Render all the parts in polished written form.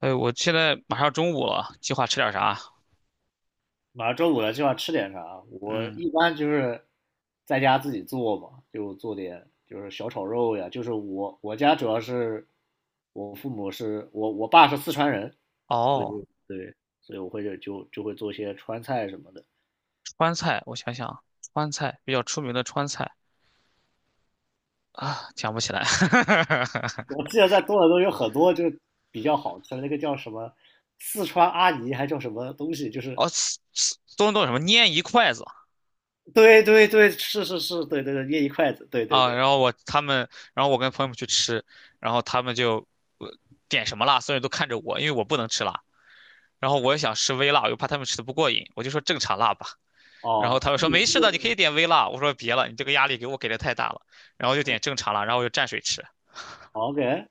哎，我现在马上中午了，计划吃点啥？马上周五了，今晚吃点啥？我嗯，一般就是在家自己做嘛，就做点就是小炒肉呀。就是我家主要是我父母是我爸是四川人，所哦，以对，所以我会就会做一些川菜什么的。川菜，我想想，川菜比较出名的川菜啊，想不起来。我记得在多伦多有很多就是比较好吃的，那个叫什么四川阿姨还叫什么东西，就是哦，是什么拈一筷子对对对，是是是，对对对，捏一筷子，对对啊？对，然后我跟朋友们去吃，然后他们就呃点什么辣，所有人都看着我，因为我不能吃辣。然后我也想吃微辣，我又怕他们吃的不过瘾，我就说正常辣吧。然后哦，他们所说以你没事的，你可以是 点微辣。我说别了，你这个压力给我给的太大了。然后就点正常辣，然后我就蘸水吃。OK，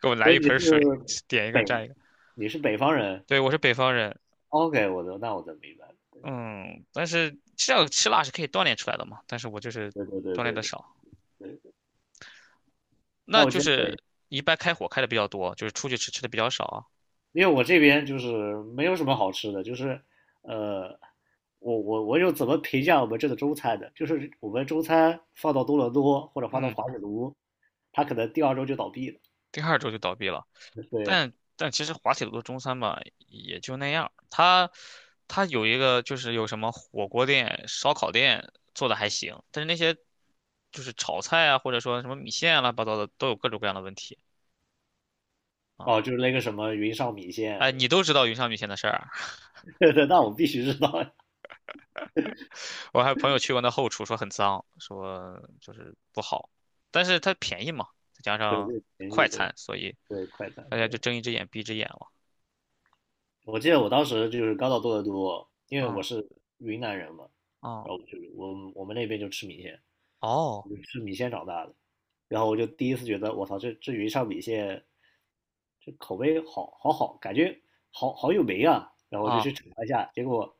给我来所以一盆水，点一个北蘸一个。你是北方人，对，我是北方人。哦，OK，我的那我的明白了。嗯，但是这样吃辣是可以锻炼出来的嘛，但是我就是对对对锻炼对的少，对对。那那我就真北，是一般开火开的比较多，就是出去吃吃的比较少啊。因为我这边就是没有什么好吃的，就是呃，我有怎么评价我们这的中餐的？就是我们中餐放到多伦多或者放到嗯，华北卢，他可能第二周就倒闭了。第二周就倒闭了。对，但其实滑铁卢的中餐吧，也就那样。它有一个就是有什么火锅店、烧烤店做的还行，但是那些就是炒菜啊，或者说什么米线啊乱七八糟的，都有各种各样的问题啊。哦，就是那个什么云上米线，哎，是吧？ 你都知道云上米线的事儿啊。 那我必须知道呀。我还有朋友去过那后厨，说很脏，说就是不好，但是它便宜嘛，再加对，这上个便宜，快对餐，所以对，快餐，大家就对。睁一只眼闭一只眼了。我记得我当时就是刚到多伦多，因为我嗯，是云南人嘛，哦，然后就是我们那边就吃米线，哦，我就吃米线长大的，然后我就第一次觉得我操，这云上米线，这口味好好好，感觉好好有名啊，然后我就啊去尝一下，结果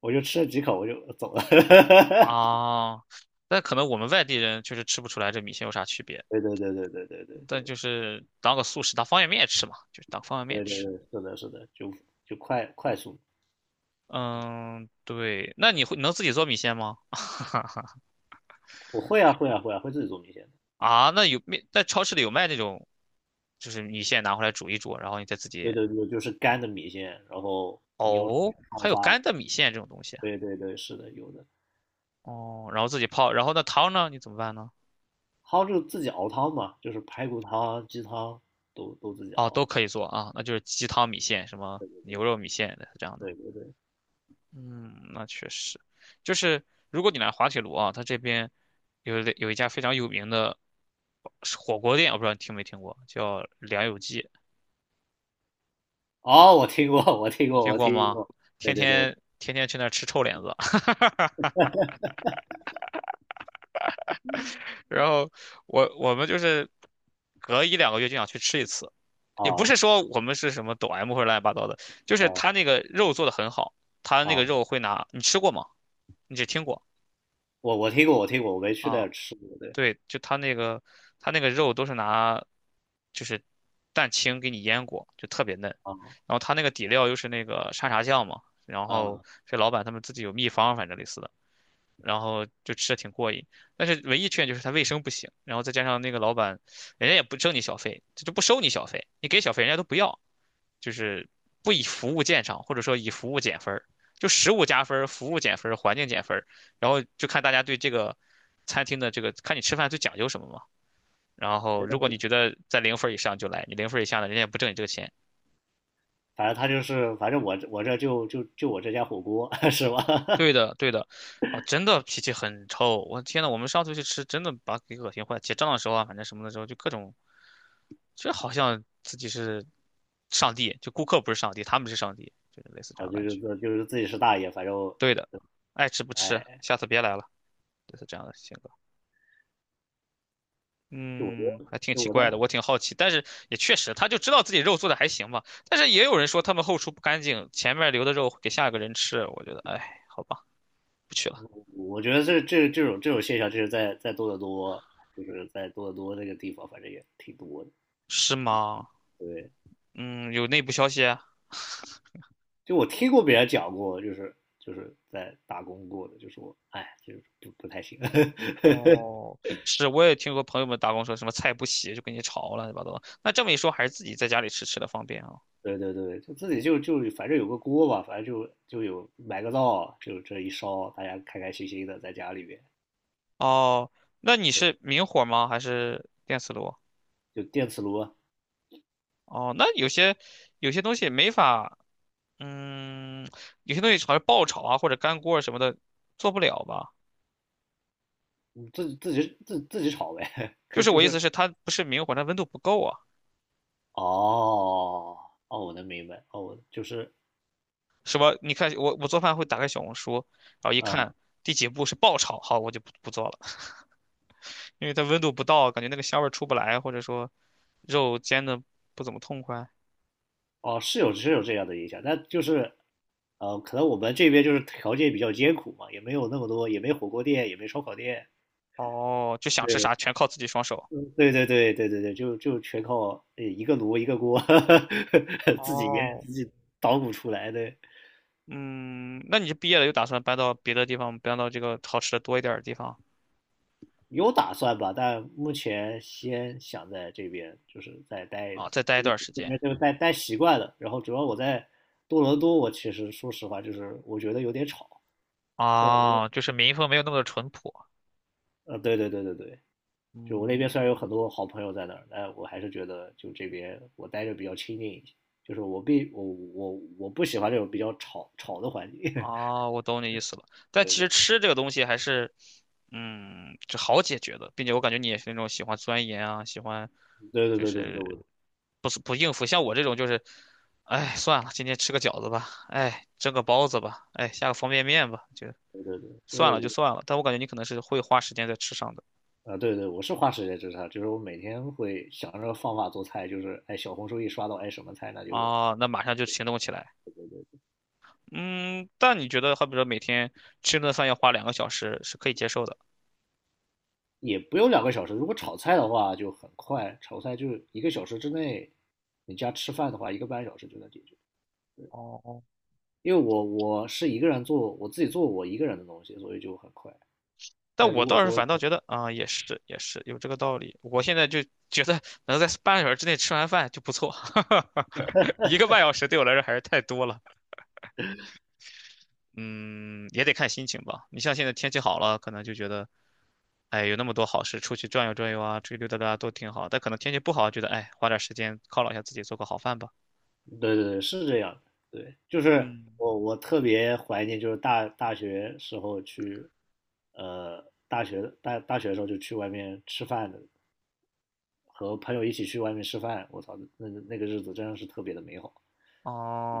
我就吃了几口我就走了。啊，那可能我们外地人确实吃不出来这米线有啥区别，对对对对对对对但对就是当个速食，当方便面吃嘛，就是当方便面对对吃。对，是的，是的，就快速，嗯，对，那你会能自己做米线吗？我会啊会啊会啊，会自己做米线。啊，那有面，在超市里有卖那种，就是米线拿回来煮一煮，然后你再自对己。对对，就是干的米线，然后你用水哦，泡还有发。干的米线这种东西啊。对对对，是的，有的。哦，然后自己泡，然后那汤呢？你怎么办呢？还就自己熬汤嘛，就是排骨汤、鸡汤都自己哦，都熬。可以做啊，那就是鸡汤米线，什么对对牛肉米线的这样的。对对对。嗯，那确实，就是如果你来滑铁卢啊，它这边有一家非常有名的火锅店，我不知道你听没听过，叫梁有记，哦，我听过，我听你过，听我过听吗？过。天对对对，我天天天去那儿吃臭脸子。然后我们就是隔1到2个月就想去吃一次，也不啊是说我们是什么抖 M 或者乱七八糟的，就是啊他那个肉做的很好，他那个啊，肉会拿，你吃过吗？你只听过我听过，我听过，我没去那啊？儿吃过。对对，就他那个他那个肉都是拿就是蛋清给你腌过，就特别嫩，啊然后他那个底料又是那个沙茶酱嘛，然后啊，是老板他们自己有秘方，反正类似的。然后就吃的挺过瘾。但是唯一缺点就是它卫生不行，然后再加上那个老板，人家也不挣你小费，他就不收你小费，你给小费人家都不要，就是不以服务见长，或者说以服务减分儿，就食物加分儿，服务减分儿，环境减分儿，然后就看大家对这个餐厅的这个，看你吃饭最讲究什么嘛。然后如果你觉得在零分儿以上就来，你零分儿以下呢，人家也不挣你这个钱。反正他就是，反正我这就我这家火锅 是吧？对的，对的，哦，真的脾气很臭。我天呐，我们上次去吃，真的把给恶心坏。结账的时候啊，反正什么的时候，就各种这好像自己是上帝，就顾客不是上帝，他们是上帝，就是类似这啊，样的就感是觉。就是自己是大爷，反正对的，爱吃不吃，哎，下次别来了，就是这样的性格。就我觉嗯，得，还挺就奇我在怪的，我挺好奇，但是也确实，他就知道自己肉做的还行吧。但是也有人说他们后厨不干净，前面留的肉给下一个人吃，我觉得，哎，好吧，不去了。我觉得这种现象，就是在多得多，就是在多得多那个地方，反正也挺多的。是吗？对，嗯，有内部消息啊。就我听过别人讲过，就是在打工过的，就说哎，就是不太行。哦，是，我也听说朋友们打工说什么菜不洗就跟你吵了，乱七八糟的那这么一说，还是自己在家里吃吃的方便啊。对对对，就自己反正有个锅吧，反正有买个灶，就这一烧，大家开开心心的在家里边，哦，那你是明火吗？还是电磁炉？就电磁炉，哦，那有些有些东西没法，嗯，有些东西好像爆炒啊或者干锅啊什么的做不了吧？嗯自己炒呗，可就以是就我意思是是，它不是明火，它温度不够啊。哦哦，我能明白哦，就是。什么？你看我做饭会打开小红书，然后一看呃第几步是爆炒，好，我就不做了，因为它温度不到，感觉那个香味儿出不来，或者说肉煎的不怎么痛快。哦，是有这样的影响，但就是可能我们这边就是条件比较艰苦嘛，也没有那么多，也没火锅店，也没烧烤店。哦，就想吃对，啥全靠自己双手。嗯对对对对对对，就全靠一个炉一个锅，自己给哦，自己捣鼓出来的。嗯，那你是毕业了，又打算搬到别的地方，搬到这个好吃的多一点儿的地方。有打算吧，但目前先想在这边就是再待一啊，待，再待一段时这间。边就待待习惯了。然后主要我在多伦多，我其实说实话就是我觉得有点吵，虽然啊？就是民风没有那么的淳朴。对对对对对，就我那嗯，边虽然有很多好朋友在那儿，但我还是觉得就这边我待着比较清静一些。就是我不喜欢这种比较吵吵的环境。哦，我懂你意思了。但对其对实吃这个东西还是，嗯，就好解决的，并且我感觉你也是那种喜欢钻研啊，喜欢对对就对对对，是我不是不应付，像我这种就是，哎，算了，今天吃个饺子吧，哎，蒸个包子吧，哎，下个方便面吧，就对对对，就是算了就我算了。但我感觉你可能是会花时间在吃上的。啊，对对，我是花时间吃它，就是我每天会想着方法做菜，就是哎小红书一刷到哎什么菜，那就哦，那马上就行动起来。嗯，但你觉得，好比说每天吃顿饭要花2个小时，是可以接受的。也不用2个小时。如果炒菜的话就很快，炒菜就是1个小时之内，你家吃饭的话1个半小时就能解决。哦，因为我是一个人做，我自己做我一个人的东西，所以就很快。但但如我果倒是说，反倒觉得啊，也是有这个道理。我现在就觉得能在半个小时之内吃完饭就不错，1个半小时对我来说还是太多了。嗯，也得看心情吧。你像现在天气好了，可能就觉得，哎，有那么多好事，出去转悠转悠啊，出去溜达溜达都挺好。但可能天气不好，觉得哎，花点时间犒劳一下自己，做个好饭吧。对对对，是这样的，对，就是嗯。我特别怀念，就是大学时候去，大学的时候就去外面吃饭的，和朋友一起去外面吃饭，我操，那个日子真的是特别的美好。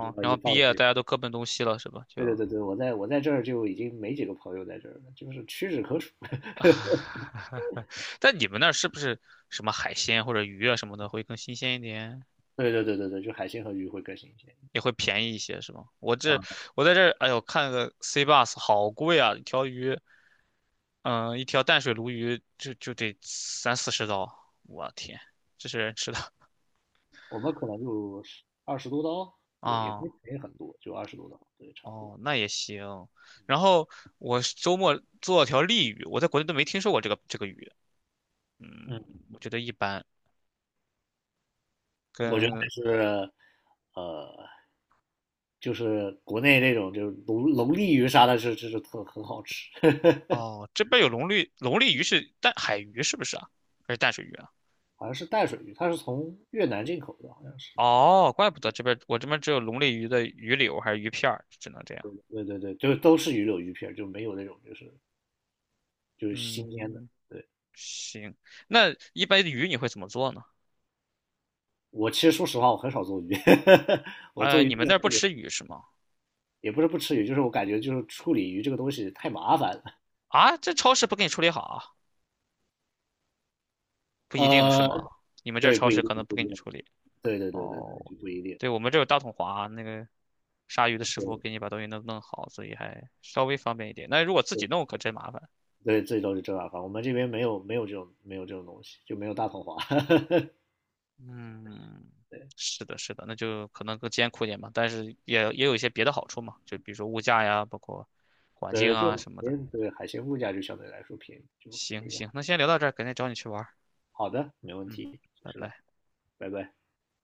就要然一后毕放业学，大家都各奔东西了，是吧？对对就，对对，我在这儿就已经没几个朋友在这儿了，就是屈指可数。但你们那儿是不是什么海鲜或者鱼啊什么的会更新鲜一点，对对对对对，就海鲜和鱼会更新鲜也会便宜一些，是吧？我啊，这我在这儿，哎呦，看个 C bus 好贵啊，一条鱼，嗯、一条淡水鲈鱼就得30到40刀，我天，这是人吃的我们可能就二十多刀，对，也不是啊 宜很多，就二十多刀，对，差不多。哦，那也行。然后我是周末做了条鲤鱼，我在国内都没听说过这个鱼，嗯，嗯。我觉得一般。我觉得跟还是，呃，就是国内那种就是龙利鱼啥的，是就是特很好吃，哦，这边有龙利鱼是淡海鱼是不是啊？还是淡水鱼啊？好像是淡水鱼，它是从越南进口的，好像是。哦，怪不得这边我这边只有龙利鱼的鱼柳还是鱼片儿只能这样。对对对，就都是鱼柳鱼片儿就没有那种就是新鲜的。嗯，对，行，那一般的鱼你会怎么做呢？我其实说实话，我很少做鱼，我做呃，鱼你们做那的儿不特别，吃鱼是吗？也不是不吃鱼，就是我感觉就是处理鱼这个东西太麻烦了。啊，这超市不给你处理好啊？不一定是呃，吗？你们这儿对，不超一市定，可能不不给一你定，处理。对对对对对，哦，就不一定。对，我们这有大统华啊那个杀鱼的师傅对给你把东西弄弄好，所以还稍微方便一点。那如果自己弄可真麻烦。对，最都是正大方。我们这边没有这种东西，就没有大统华。嗯，对，是的，是的，那就可能更艰苦一点吧，但是也有一些别的好处嘛，就比如说物价呀，包括环境就啊什么的。对海鲜物价就相对来说便宜，就行便宜。行，那先聊到这儿，改天找你去玩儿。好的，没问嗯，题，随拜时来，拜。拜拜。